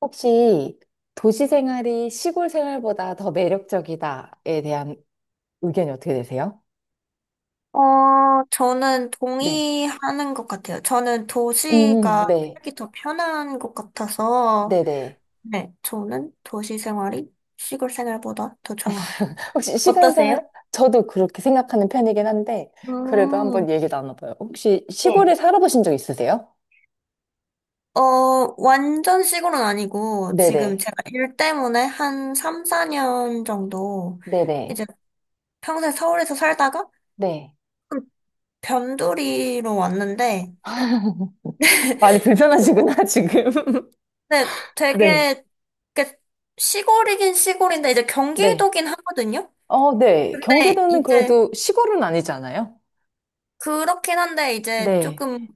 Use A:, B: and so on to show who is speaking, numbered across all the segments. A: 혹시 도시 생활이 시골 생활보다 더 매력적이다에 대한 의견이 어떻게 되세요?
B: 저는
A: 네.
B: 동의하는 것 같아요. 저는 도시가
A: 네.
B: 살기 더 편한 것 같아서,
A: 네네.
B: 네, 저는 도시 생활이 시골 생활보다 더 좋아요.
A: 혹시 시골
B: 어떠세요?
A: 생활? 저도 그렇게 생각하는 편이긴 한데, 그래도
B: 음,
A: 한번 얘기 나눠봐요. 혹시
B: 네.
A: 시골에 살아보신 적 있으세요?
B: 완전 시골은 아니고, 지금
A: 네네.
B: 제가 일 때문에 한 3, 4년 정도,
A: 네네.
B: 이제 평생 서울에서 살다가,
A: 네.
B: 그 변두리로 왔는데,
A: 많이 불편하시구나, 지금.
B: 네,
A: 네.
B: 되게 이렇게 시골이긴 시골인데 이제
A: 네.
B: 경기도긴 하거든요.
A: 어, 네.
B: 근데
A: 경기도는
B: 이제
A: 그래도 시골은 아니잖아요?
B: 그렇긴 한데 이제
A: 네.
B: 조금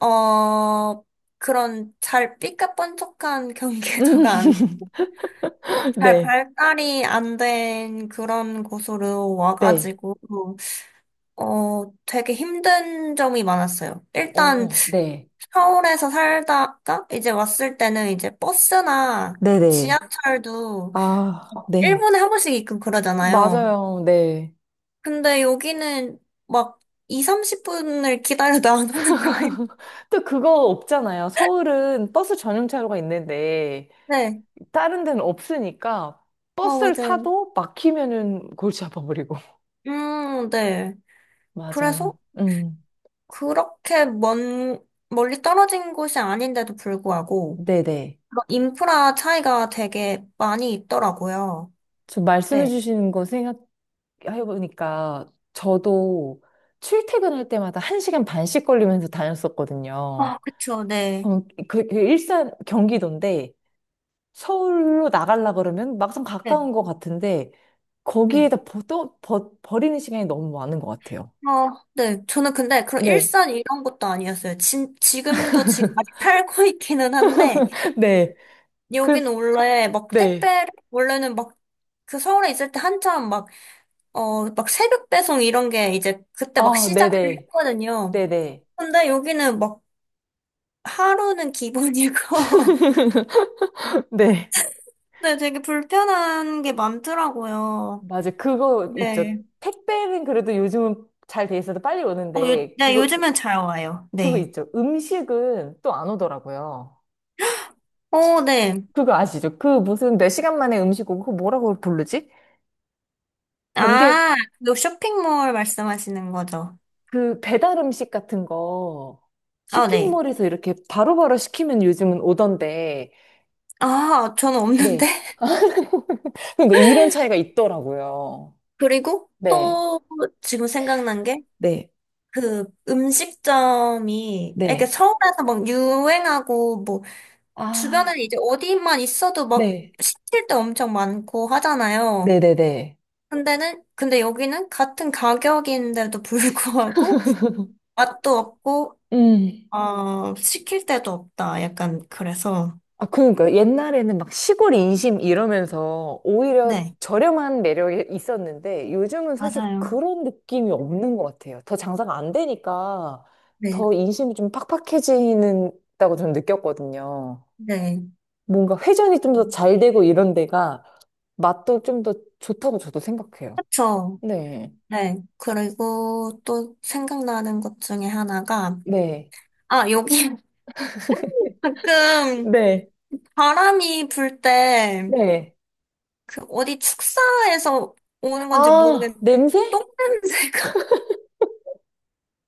B: 어 그런 잘 삐까뻔쩍한
A: 음,
B: 경기도가 안, 잘
A: 네.
B: 발달이 안 된 그런 곳으로
A: 네.
B: 와가지고 되게 힘든 점이 많았어요. 일단
A: 어, 네.
B: 서울에서 살다가 이제 왔을 때는 이제 버스나
A: 네네.
B: 지하철도
A: 아,
B: 일
A: 네.
B: 분에 한 번씩 있고 그러잖아요.
A: 맞아요. 네.
B: 근데 여기는 막 2, 30분을 기다려도 안 오는 거예요.
A: 또 그거 없잖아요. 서울은 버스 전용차로가 있는데
B: 네.
A: 다른 데는 없으니까 버스를
B: 맞아요.
A: 타도 막히면은 골치 아파 버리고.
B: 네. 그래서
A: 맞아요. 음.
B: 그렇게 먼, 멀리 떨어진 곳이 아닌데도 불구하고
A: 네네.
B: 그런 인프라 차이가 되게 많이 있더라고요.
A: 저 말씀해
B: 네.
A: 주시는 거 생각해 보니까 저도 출퇴근할 때마다 1시간 반씩 걸리면서 다녔었거든요.
B: 아, 그쵸. 네.
A: 그, 그 일산 경기도인데 서울로 나가려 그러면 막상
B: 네.
A: 가까운 것 같은데
B: 네.
A: 거기에다 버, 또 버, 버리는 시간이 너무 많은 것 같아요.
B: 어, 네. 저는 근데 그런
A: 네.
B: 일산 이런 것도 아니었어요. 지금도 지금 아직 살고 있기는 한데
A: 네. 그,
B: 여긴 원래 막
A: 네.
B: 택배를, 원래는 막 그 서울에 있을 때 한참 막, 막 새벽 배송 이런 게 이제 그때 막
A: 아,
B: 시작을
A: 네네.
B: 했거든요.
A: 네네.
B: 근데 여기는 막 하루는 기본이고,
A: 네.
B: 네, 되게 불편한 게 많더라고요.
A: 맞아. 그거 있죠.
B: 네.
A: 택배는 그래도 요즘은 잘 돼 있어서 빨리 오는데
B: 네,
A: 그거,
B: 요즘은 잘 와요.
A: 그거
B: 네.
A: 있죠. 음식은 또 안 오더라고요.
B: 어, 네.
A: 그거 아시죠? 그 무슨 몇 시간 만에 음식 오고 그거 뭐라고 부르지? 번개,
B: 아, 그 쇼핑몰 말씀하시는 거죠.
A: 그 배달 음식 같은 거
B: 아, 네.
A: 쇼핑몰에서 이렇게 바로바로 시키면 요즘은 오던데,
B: 아, 저는 없는데?
A: 네. 그러니까 이런 차이가 있더라고요.
B: 그리고
A: 네,
B: 또 지금 생각난 게,
A: 네,
B: 그 음식점이 이렇게
A: 네.
B: 서울에서 막 유행하고 뭐 주변에
A: 아,
B: 이제 어디만 있어도 막
A: 네,
B: 시킬 때 엄청 많고 하잖아요.
A: 네네네.
B: 근데는 근데 여기는 같은 가격인데도 불구하고 맛도 없고
A: 음.
B: 시킬 때도 없다. 약간 그래서
A: 아, 그러니까 옛날에는 막 시골 인심 이러면서 오히려
B: 네.
A: 저렴한 매력이 있었는데 요즘은 사실
B: 맞아요.
A: 그런 느낌이 없는 것 같아요. 더 장사가 안 되니까
B: 네.
A: 더 인심이 좀 팍팍해지는다고 저는 느꼈거든요.
B: 네.
A: 뭔가 회전이 좀 더 잘 되고 이런 데가 맛도 좀 더 좋다고 저도 생각해요.
B: 그죠
A: 네.
B: 네. 그리고 또 생각나는 것 중에 하나가
A: 네.
B: 아, 여기 가끔
A: 네.
B: 바람이 불 때
A: 네.
B: 그 어디 축사에서 오는 건지
A: 아,
B: 모르겠는데
A: 냄새?
B: 똥냄새가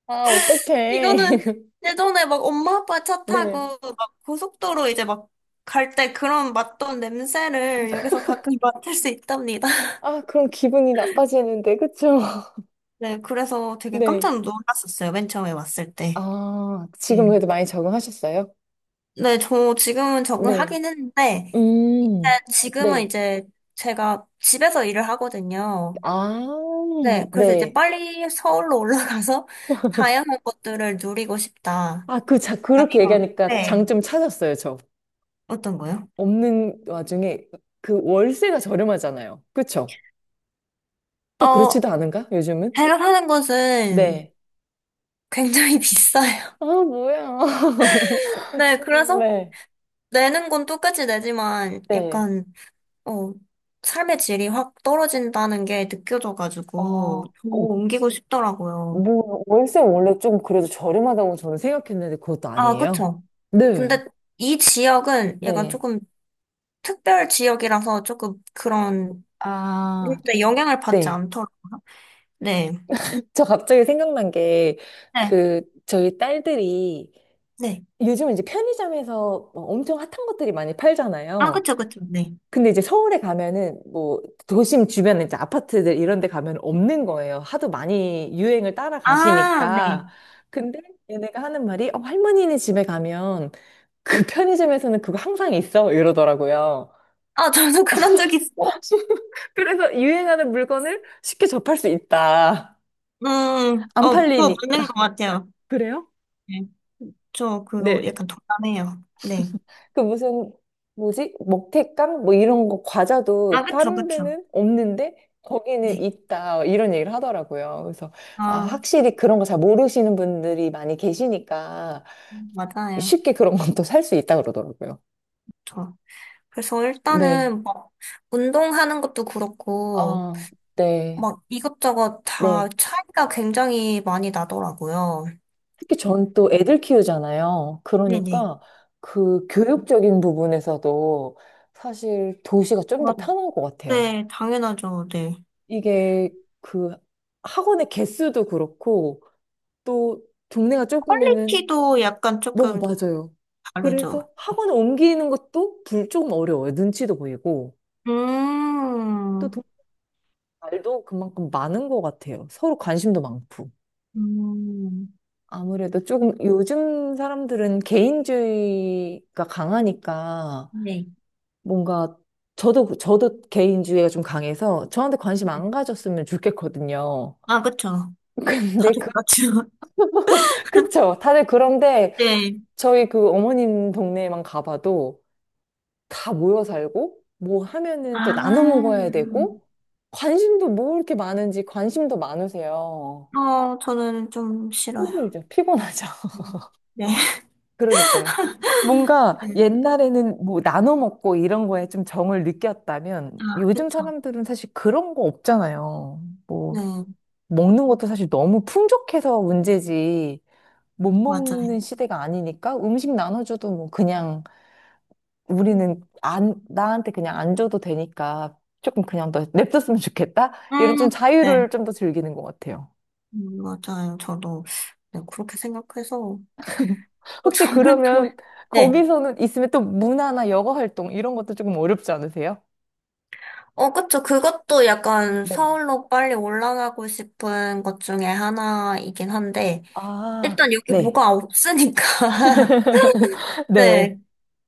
A: 아, 어떡해.
B: 이거는 예전에 막 엄마 아빠 차
A: 네.
B: 타고 막 고속도로 이제 막 갈 때 그런 맡던 냄새를 여기서 가끔 맡을 수 있답니다.
A: 아, 그럼 기분이 나빠지는데, 그쵸?
B: 네, 그래서 되게
A: 네.
B: 깜짝 놀랐었어요. 맨 처음에 왔을 때.
A: 아,
B: 네.
A: 지금 그래도 많이 적응하셨어요?
B: 네, 저 지금은
A: 네.
B: 적응하긴 했는데 네,
A: 음,
B: 지금은
A: 네.
B: 이제 제가 집에서 일을 하거든요.
A: 아,
B: 네, 그래서 이제
A: 네.
B: 빨리 서울로 올라가서 다양한 것들을 누리고 싶다.
A: 아, 그, 자, 그렇게
B: 아니면,
A: 얘기하니까
B: 네.
A: 장점 찾았어요, 저.
B: 어떤 거요?
A: 없는 와중에 그 월세가 저렴하잖아요. 그쵸? 또 그렇지도
B: 어,
A: 않은가? 요즘은?
B: 제가 사는 곳은
A: 네.
B: 굉장히 비싸요.
A: 아, 뭐야.
B: 네, 그래서
A: 네.
B: 내는 건 똑같이 내지만
A: 네.
B: 약간, 어, 삶의 질이 확 떨어진다는 게
A: 아,
B: 느껴져가지고 더
A: 어,
B: 옮기고 싶더라고요.
A: 뭐, 월세 원래 좀 그래도 저렴하다고 저는 생각했는데 그것도
B: 아,
A: 아니에요?
B: 그쵸.
A: 네.
B: 근데 이 지역은 약간
A: 네.
B: 조금 특별 지역이라서 조금 그런,
A: 아,
B: 근데 영향을 받지
A: 네.
B: 않더라고요. 네.
A: 저 갑자기 생각난 게,
B: 네.
A: 그, 저희 딸들이
B: 네.
A: 요즘은 이제 편의점에서 뭐 엄청 핫한 것들이 많이
B: 아,
A: 팔잖아요.
B: 그쵸, 그쵸. 네.
A: 근데 이제 서울에 가면은 뭐 도심 주변에 이제 아파트들 이런 데 가면 없는 거예요. 하도 많이 유행을
B: 아, 네.
A: 따라가시니까. 근데 얘네가 하는 말이 어, 할머니네 집에 가면 그 편의점에서는 그거 항상 있어 이러더라고요.
B: 아, 저도 그런 적 있어.
A: 그래서 유행하는 물건을 쉽게 접할 수 있다. 안
B: 그거
A: 팔리니까.
B: 맞는 것 같아요.
A: 그래요?
B: 네. 저 그거
A: 네.
B: 약간 동감해요. 네.
A: 그 무슨 뭐지? 먹태깡 뭐 이런 거
B: 아,
A: 과자도
B: 그쵸,
A: 다른
B: 그쵸.
A: 데는 없는데 거기는
B: 네.
A: 있다 이런 얘기를 하더라고요. 그래서 아
B: 아,
A: 확실히 그런 거 잘 모르시는 분들이 많이 계시니까
B: 맞아요.
A: 쉽게 그런 건 또 살 수 있다 그러더라고요.
B: 저. 그래서
A: 네.
B: 일단은 막 운동하는 것도 그렇고
A: 아, 네.
B: 막 이것저것 다
A: 네.
B: 차이가 굉장히 많이 나더라고요.
A: 특히 전 또 애들 키우잖아요.
B: 네네.
A: 그러니까 그 교육적인 부분에서도 사실 도시가 좀
B: 아,
A: 더 편한 것 같아요.
B: 네, 당연하죠. 네.
A: 이게 그 학원의 개수도 그렇고 또 동네가 좁으면은
B: 퀄리티도 약간
A: 뭐
B: 조금
A: 맞아요.
B: 다르죠.
A: 그래서 학원을 옮기는 것도 불 조금 어려워요. 눈치도 보이고 또
B: 음,
A: 동- 말도 그만큼 많은 것 같아요. 서로 관심도 많고.
B: 음,
A: 아무래도 조금 요즘 사람들은 개인주의가 강하니까
B: 네.
A: 뭔가 저도 개인주의가 좀 강해서 저한테 관심
B: 네.
A: 안 가졌으면 좋겠거든요.
B: 아, 그쵸.
A: 근데
B: 다들
A: 그
B: 그렇죠.
A: 그쵸. 다들 그런데
B: 네.
A: 저희 그 어머님 동네에만 가봐도 다 모여 살고, 뭐 하면은 또 나눠 먹어야 되고,
B: 아,
A: 관심도 뭐 이렇게 많은지 관심도 많으세요.
B: 저는 좀 싫어요.
A: 힘들죠. 피곤하죠.
B: 네. 네.
A: 그러니까요. 뭔가
B: 네.
A: 옛날에는 뭐 나눠 먹고 이런 거에 좀 정을 느꼈다면
B: 아,
A: 요즘
B: 그쵸.
A: 사람들은 사실 그런 거 없잖아요. 뭐
B: 네,
A: 먹는 것도 사실 너무 풍족해서 문제지 못
B: 맞아요.
A: 먹는 시대가 아니니까 음식 나눠줘도 뭐 그냥
B: 음,
A: 우리는 안, 나한테 그냥 안 줘도 되니까 조금 그냥 더 냅뒀으면 좋겠다? 이런 좀
B: 네.
A: 자유를 좀 더 즐기는 것 같아요.
B: 맞아요. 저도, 네, 그렇게 생각해서.
A: 혹시
B: 저는 또,
A: 그러면
B: 네.
A: 거기서는 있으면 또 문화나 여가 활동 이런 것도 조금 어렵지 않으세요?
B: 어, 그쵸. 그것도 약간
A: 네.
B: 서울로 빨리 올라가고 싶은 것 중에 하나이긴 한데,
A: 아,
B: 일단 여기
A: 네.
B: 뭐가 없으니까.
A: 네.
B: 네.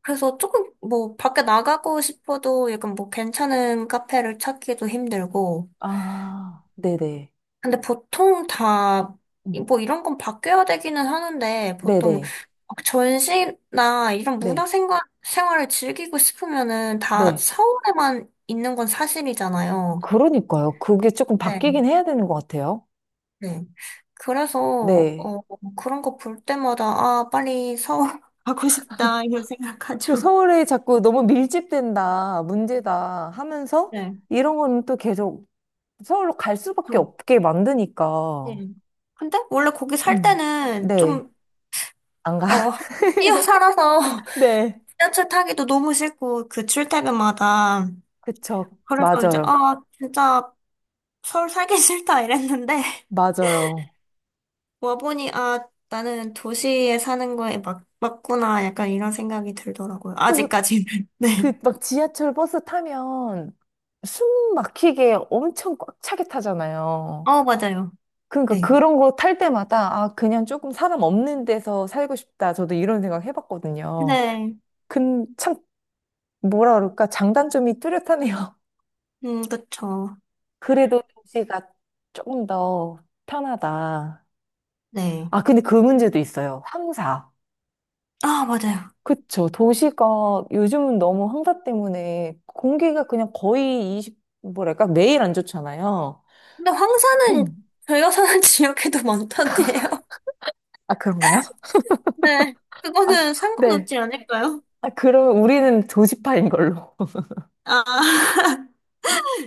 B: 그래서 조금 뭐 밖에 나가고 싶어도 약간 뭐 괜찮은 카페를 찾기도 힘들고.
A: 아, 네네.
B: 근데 보통 다
A: 음,
B: 뭐 이런 건 바뀌어야 되기는 하는데 보통
A: 네네.
B: 막 전시나 이런
A: 네.
B: 문화 생활을 즐기고 싶으면은 다
A: 네.
B: 서울에만 있는 건
A: 어,
B: 사실이잖아요.
A: 그러니까요. 그게 조금
B: 네.
A: 바뀌긴 해야 되는 것 같아요.
B: 네. 그래서
A: 네.
B: 그런 거 볼 때마다 아 빨리 서울 가고 싶다 이런
A: 그
B: 생각하죠.
A: 서울에 자꾸 너무 밀집된다, 문제다 하면서
B: 네.
A: 이런 거는 또 계속 서울로 갈 수밖에 없게 만드니까.
B: 네. 근데 원래 거기 살
A: 음.
B: 때는
A: 네.
B: 좀,
A: 안 가.
B: 어, 뛰어 살아서
A: 네.
B: 지하철 타기도 너무 싫고, 그 출퇴근마다.
A: 그쵸.
B: 그래서 이제,
A: 맞아요.
B: 아, 진짜 서울 살기 싫다 이랬는데,
A: 맞아요.
B: 와보니, 아, 나는 도시에 사는 거에 막, 맞구나. 약간 이런 생각이 들더라고요.
A: 그리고
B: 아직까지는. 네.
A: 그 막 지하철 버스 타면 숨 막히게 엄청 꽉 차게 타잖아요.
B: 맞아요.
A: 그러니까
B: 네.
A: 그런 거 탈 때마다 아, 그냥 조금 사람 없는 데서 살고 싶다. 저도 이런 생각 해봤거든요.
B: 네.
A: 근참 뭐라 그럴까? 장단점이 뚜렷하네요.
B: 그쵸.
A: 그래도 도시가 조금 더 편하다.
B: 네.
A: 아, 근데 그 문제도 있어요. 황사.
B: 아, 맞아요.
A: 그쵸. 도시가 요즘은 너무 황사 때문에 공기가 그냥 거의 20, 뭐랄까? 매일 안 좋잖아요.
B: 근데 황사는
A: 음.
B: 저희가 사는 지역에도 많던데요.
A: 아, 그런가요?
B: 네,
A: 아,
B: 그거는
A: 네.
B: 상관없지 않을까요?
A: 아, 그럼 우리는 도시파인 걸로.
B: 아,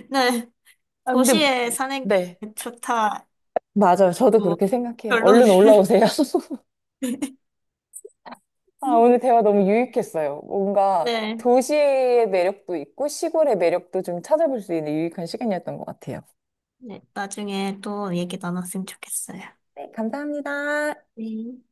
B: 네,
A: 아, 근데,
B: 도시에 사는 게
A: 네.
B: 좋다.
A: 맞아요. 저도
B: 뭐,
A: 그렇게 생각해요.
B: 결론을.
A: 얼른 올라오세요. 아, 오늘 대화 너무 유익했어요. 뭔가
B: 네,
A: 도시의 매력도 있고 시골의 매력도 좀 찾아볼 수 있는 유익한 시간이었던 것 같아요.
B: 네, 나중에 또 얘기 나눴으면 좋겠어요.
A: 네, 감사합니다.
B: 네.